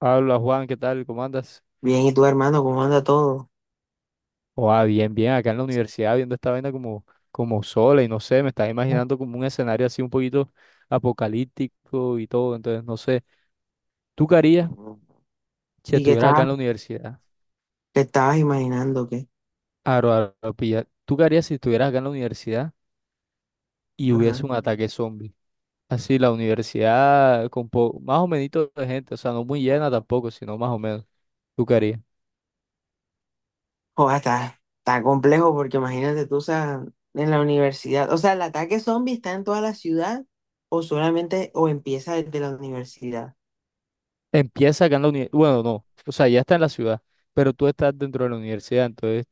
Habla Juan, ¿qué tal? ¿Cómo andas? Bien, ¿y tú, hermano, cómo anda todo? Oh, Bien, bien, acá en la universidad viendo esta vaina como, como sola y no sé, me estás imaginando como un escenario así un poquito apocalíptico y todo, entonces no sé. ¿Tú qué harías si ¿Y qué estuvieras acá en la universidad? Estabas imaginando? ¿Qué? Aro, aro, aro, pilla. ¿Tú qué harías si estuvieras acá en la universidad y Ajá. hubiese un ataque zombie? Así, la universidad con más o menos de gente, o sea, no muy llena tampoco, sino más o menos. ¿Tú qué harías? Joder, está complejo porque imagínate tú, o sea, en la universidad, o sea, ¿el ataque zombie está en toda la ciudad o solamente o empieza desde la universidad? Empieza acá en la universidad, bueno, no, o sea, ya está en la ciudad, pero tú estás dentro de la universidad, entonces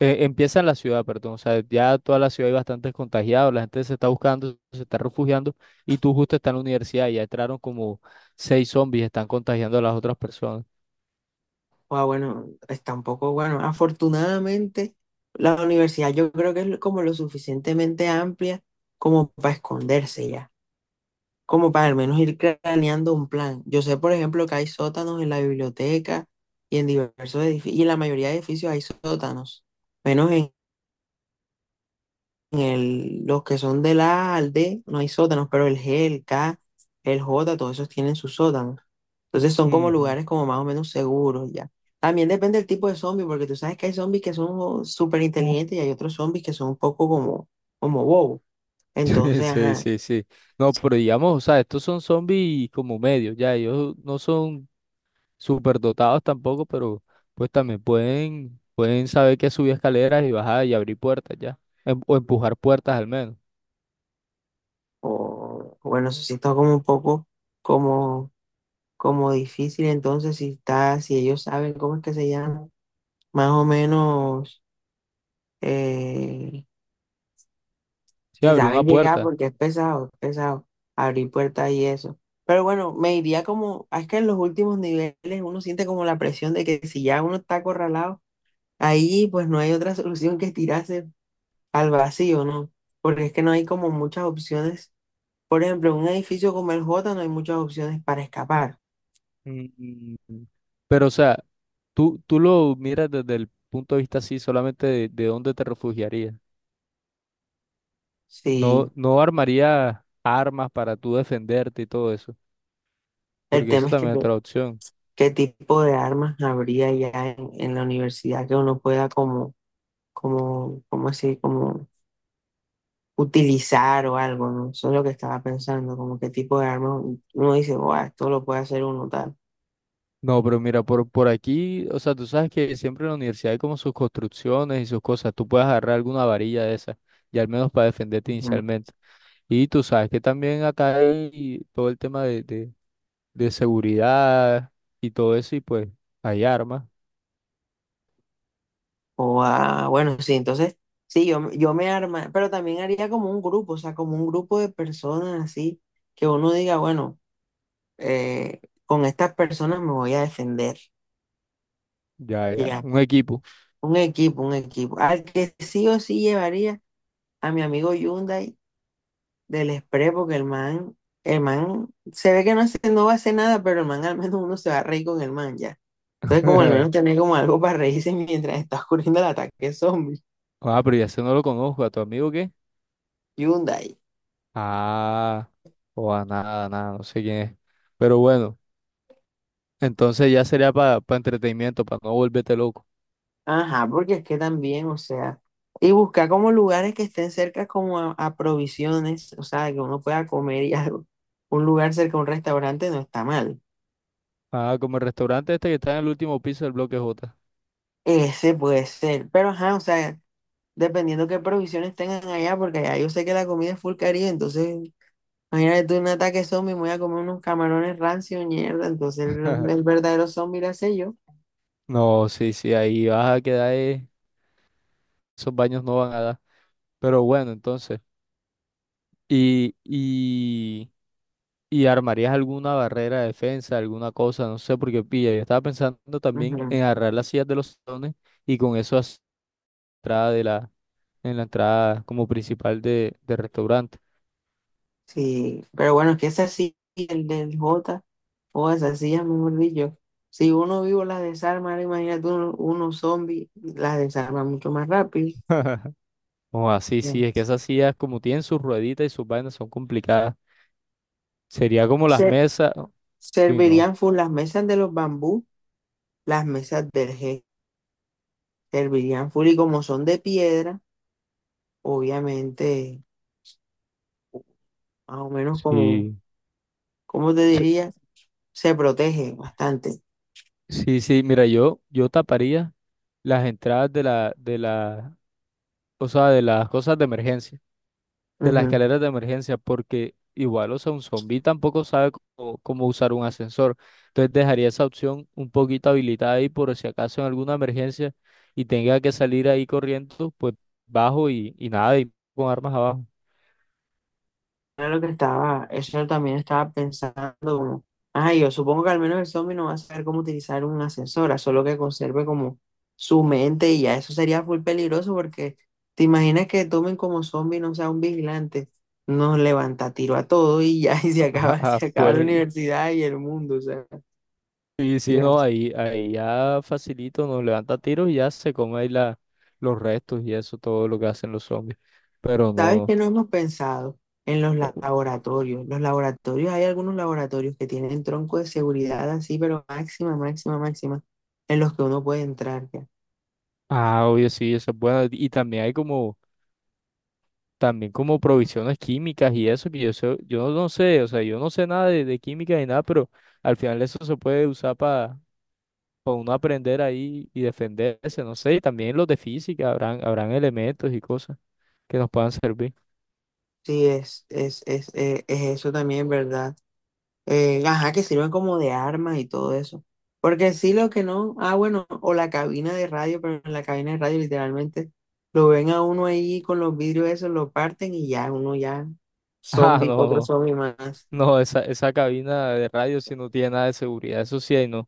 empieza en la ciudad, perdón, o sea, ya toda la ciudad hay bastantes contagiados, la gente se está buscando, se está refugiando y tú justo estás en la universidad y ya entraron como 6 zombies, están contagiando a las otras personas. O bueno, está un poco, bueno, afortunadamente la universidad yo creo que es como lo suficientemente amplia como para esconderse ya, como para al menos ir craneando un plan. Yo sé, por ejemplo, que hay sótanos en la biblioteca y en diversos edificios, y en la mayoría de edificios hay sótanos, menos en los que son del A al D no hay sótanos, pero el G, el K, el J, todos esos tienen sus sótanos. Entonces son como Ujú. lugares como más o menos seguros ya. También depende del tipo de zombie, porque tú sabes que hay zombies que son súper inteligentes y hay otros zombies que son un poco como bobos. Entonces, Sí, ajá, sí, sí. No, pero digamos, o sea, estos son zombies como medios, ya, ellos no son súper dotados tampoco, pero pues también pueden, pueden saber que subir escaleras y bajar y abrir puertas ya, o empujar puertas al menos. o bueno, eso sí está como un poco como difícil. Entonces, si está, si ellos saben cómo es que se llama, más o menos, eh, Sí, si abrir una saben llegar, puerta. porque es pesado abrir puertas y eso. Pero bueno, me iría como, es que en los últimos niveles uno siente como la presión de que si ya uno está acorralado, ahí pues no hay otra solución que tirarse al vacío, ¿no? Porque es que no hay como muchas opciones. Por ejemplo, en un edificio como el J no hay muchas opciones para escapar. Mm. Pero o sea, tú lo miras desde el punto de vista así, solamente de dónde te refugiarías. No, Sí, no armarías armas para tú defenderte y todo eso, el porque tema eso es que también es otra opción. qué tipo de armas habría ya en la universidad que uno pueda como así, como utilizar o algo, ¿no? Eso es lo que estaba pensando, como qué tipo de armas uno dice, "Guau, esto lo puede hacer uno tal". No, pero mira, por aquí, o sea, tú sabes que siempre en la universidad hay como sus construcciones y sus cosas. Tú puedes agarrar alguna varilla de esas, y al menos para defenderte Ujú. inicialmente. Y tú sabes que también acá hay todo el tema de seguridad y todo eso, y pues hay armas, O ah, bueno, sí, entonces, sí, yo me arma, pero también haría como un grupo, o sea, como un grupo de personas así, que uno diga, bueno, eh, con estas personas me voy a defender, ya, ya, ya, un equipo. Un equipo al que sí o sí llevaría a mi amigo Hyundai del Express, porque el man se ve que no, hace- no va a hacer nada, pero el man al menos uno se va a reír con el man ya. Entonces, como al menos tener como algo para reírse mientras está ocurriendo el ataque zombie. Ah, pero ya ese no lo conozco, ¿a tu amigo qué? Hyundai. Ah, o a nada, nada, no sé quién es. Pero bueno, entonces ya sería para entretenimiento, para no volverte loco. Ajá, porque es que también, o sea, y buscar como lugares que estén cerca como a provisiones, o sea, que uno pueda comer y algo. Un lugar cerca a un restaurante no está mal. Ah, como el restaurante este que está en el último piso del bloque J. Ese puede ser, pero ajá, o sea, dependiendo qué provisiones tengan allá, porque allá yo sé que la comida es full caribe, entonces imagínate tú un ataque zombie, me voy a comer unos camarones rancios, mierda. Entonces el verdadero zombie lo sé yo. No, sí, sí, ahí vas a quedar, esos baños no van a dar. Pero bueno, entonces, y, y, y armarías alguna barrera de defensa, alguna cosa, no sé, porque pilla, yo estaba pensando también Ujú. en agarrar las sillas de los salones y con eso hacer la entrada de en la entrada como principal de, del restaurante. Sí, pero bueno, es que es así, el del J, o esas sillas, mejor dicho. Si uno vivo las desarma, ahora imagínate uno zombie, las desarma mucho más rápido. O así, sí, Ya. es que esas sillas como tienen sus rueditas y sus vainas son complicadas. Sería como las Se, mesas, y no, servirían full las mesas de los bambú. Las mesas del G servirían full y como son de piedra, obviamente, más o menos como, sí. ¿cómo te diría? Se protege bastante. Sí, sí, mira, yo taparía las entradas de o sea, de las cosas de emergencia, de las Ujú. escaleras de emergencia, porque igual, o sea, un zombi tampoco sabe cómo, cómo usar un ascensor. Entonces dejaría esa opción un poquito habilitada ahí por si acaso en alguna emergencia y tenga que salir ahí corriendo, pues bajo y nada, y con armas abajo. Era lo que estaba, eso también estaba pensando como, ah, yo supongo que al menos el zombie no va a saber cómo utilizar una ascensora, solo que conserve como su mente y ya eso sería full peligroso porque te imaginas que tomen como zombie, no sea un vigilante, nos levanta tiro a todo y ya y Ajá, se acaba la pues universidad y el mundo, o sea, y si ya. no, ahí, ahí ya facilito, nos levanta tiros y ya se come ahí los restos y eso, todo lo que hacen los zombies. Pero no, ¿Sabes no. qué no hemos pensado? En los laboratorios. Los laboratorios, hay algunos laboratorios que tienen tronco de seguridad así, pero máxima, máxima, máxima, en los que uno puede entrar ya. Ah, obvio, sí, eso es bueno. Y también hay como, también como provisiones químicas y eso, que yo sé, yo no sé, o sea, yo no sé nada de, de química ni nada, pero al final eso se puede usar para uno aprender ahí y defenderse, no sé, y también los de física, habrán, habrán elementos y cosas que nos puedan servir. Sí, es eso también, ¿verdad? Ajá, que sirven como de armas y todo eso. Porque sí, lo que no, ah, bueno, o la cabina de radio, pero en la cabina de radio literalmente lo ven a uno ahí con los vidrios esos, lo parten y ya, uno ya, Ah, zombie, no, otro no. zombie más. No, esa cabina de radio sí no tiene nada de seguridad, eso sí hay no.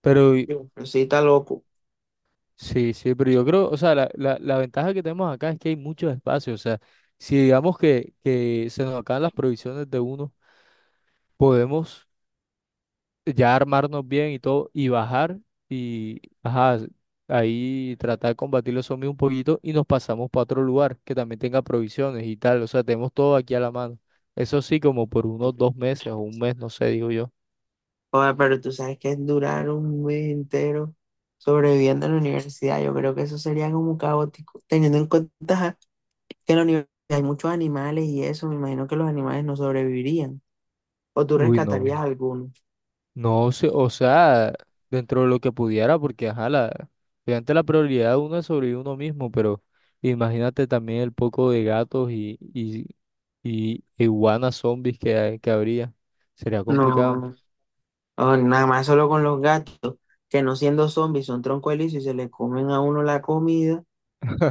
Pero Yo, pero sí, está loco. sí, sí, pero yo creo, o sea, la ventaja que tenemos acá es que hay muchos espacios, o sea, si digamos que se nos acaban las provisiones de uno, podemos ya armarnos bien y todo, y bajar y, ajá, ahí tratar de combatir los zombies un poquito y nos pasamos para otro lugar que también tenga provisiones y tal, o sea, tenemos todo aquí a la mano. Eso sí, como por unos 2 meses o un mes, no sé, digo yo. Joder, pero tú sabes que es durar un mes entero sobreviviendo en la universidad. Yo creo que eso sería como caótico, teniendo en cuenta ajá, que en la universidad hay muchos animales y eso, me imagino que los animales no sobrevivirían. O tú Uy, no. rescatarías algunos. No sé, o sea, dentro de lo que pudiera, porque ajá, la, obviamente la prioridad de uno es sobrevivir uno mismo, pero imagínate también el poco de gatos y iguanas zombies que habría. Sería complicado. No, o nada más solo con los gatos, que no siendo zombies son troncoelizos y se le comen a uno la comida.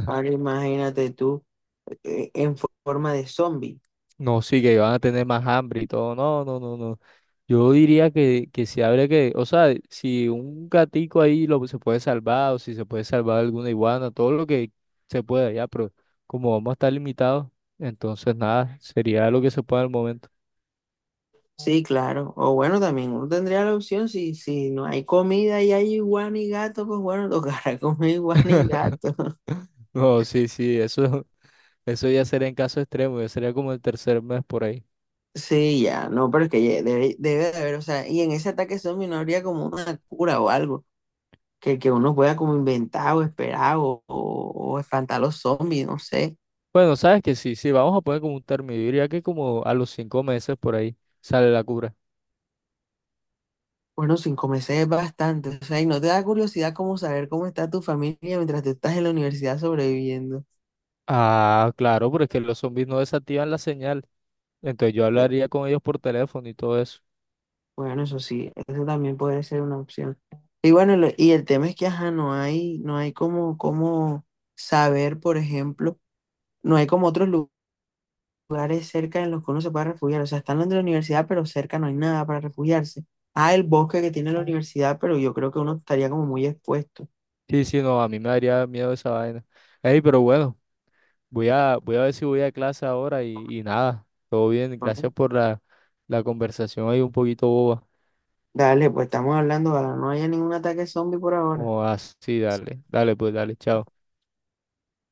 Ahora imagínate tú en forma de zombie. No, sí, que van a tener más hambre y todo. No, no, no, no. Yo diría que si habría que, o sea, si un gatico ahí lo se puede salvar o si se puede salvar alguna iguana, todo lo que se pueda ya, pero como vamos a estar limitados, entonces nada, sería lo que se pueda al momento. Sí, claro. O bueno, también uno tendría la opción, si no hay comida y hay iguana y gato, pues bueno, tocará comer iguana y gato. No, sí, sí, eso ya sería en caso extremo, ya sería como el tercer mes por ahí. Sí, ya, no, pero es que ya debe de haber, o sea, y en ese ataque zombie no habría como una cura o algo, que uno pueda como inventar o esperar o espantar a los zombies, no sé. Bueno, sabes que sí, sí, vamos a poner como un término, yo diría que como a los 5 meses por ahí sale la cura. Bueno, sin comerse es bastante, o sea, y no te da curiosidad como saber cómo está tu familia mientras tú estás en la universidad sobreviviendo. Ah, claro, porque los zombies no desactivan la señal, entonces yo hablaría con ellos por teléfono y todo eso. Bueno, eso sí, eso también puede ser una opción. Y bueno, lo- y el tema es que, ajá, no hay como, como saber, por ejemplo, no hay como otros lu- lugares cerca en los que uno se pueda refugiar. O sea, están los de la universidad, pero cerca no hay nada para refugiarse. Ah, el bosque que tiene la universidad, pero yo creo que uno estaría como muy expuesto. Sí, sí, no, a mí me daría miedo esa vaina. Ey, pero bueno, voy a ver si voy a clase ahora y nada, todo bien, Bueno, gracias por la, la conversación ahí un poquito boba. dale, pues estamos hablando, ojalá no haya ningún ataque zombie por ahora. Como así, dale, dale, pues dale, chao.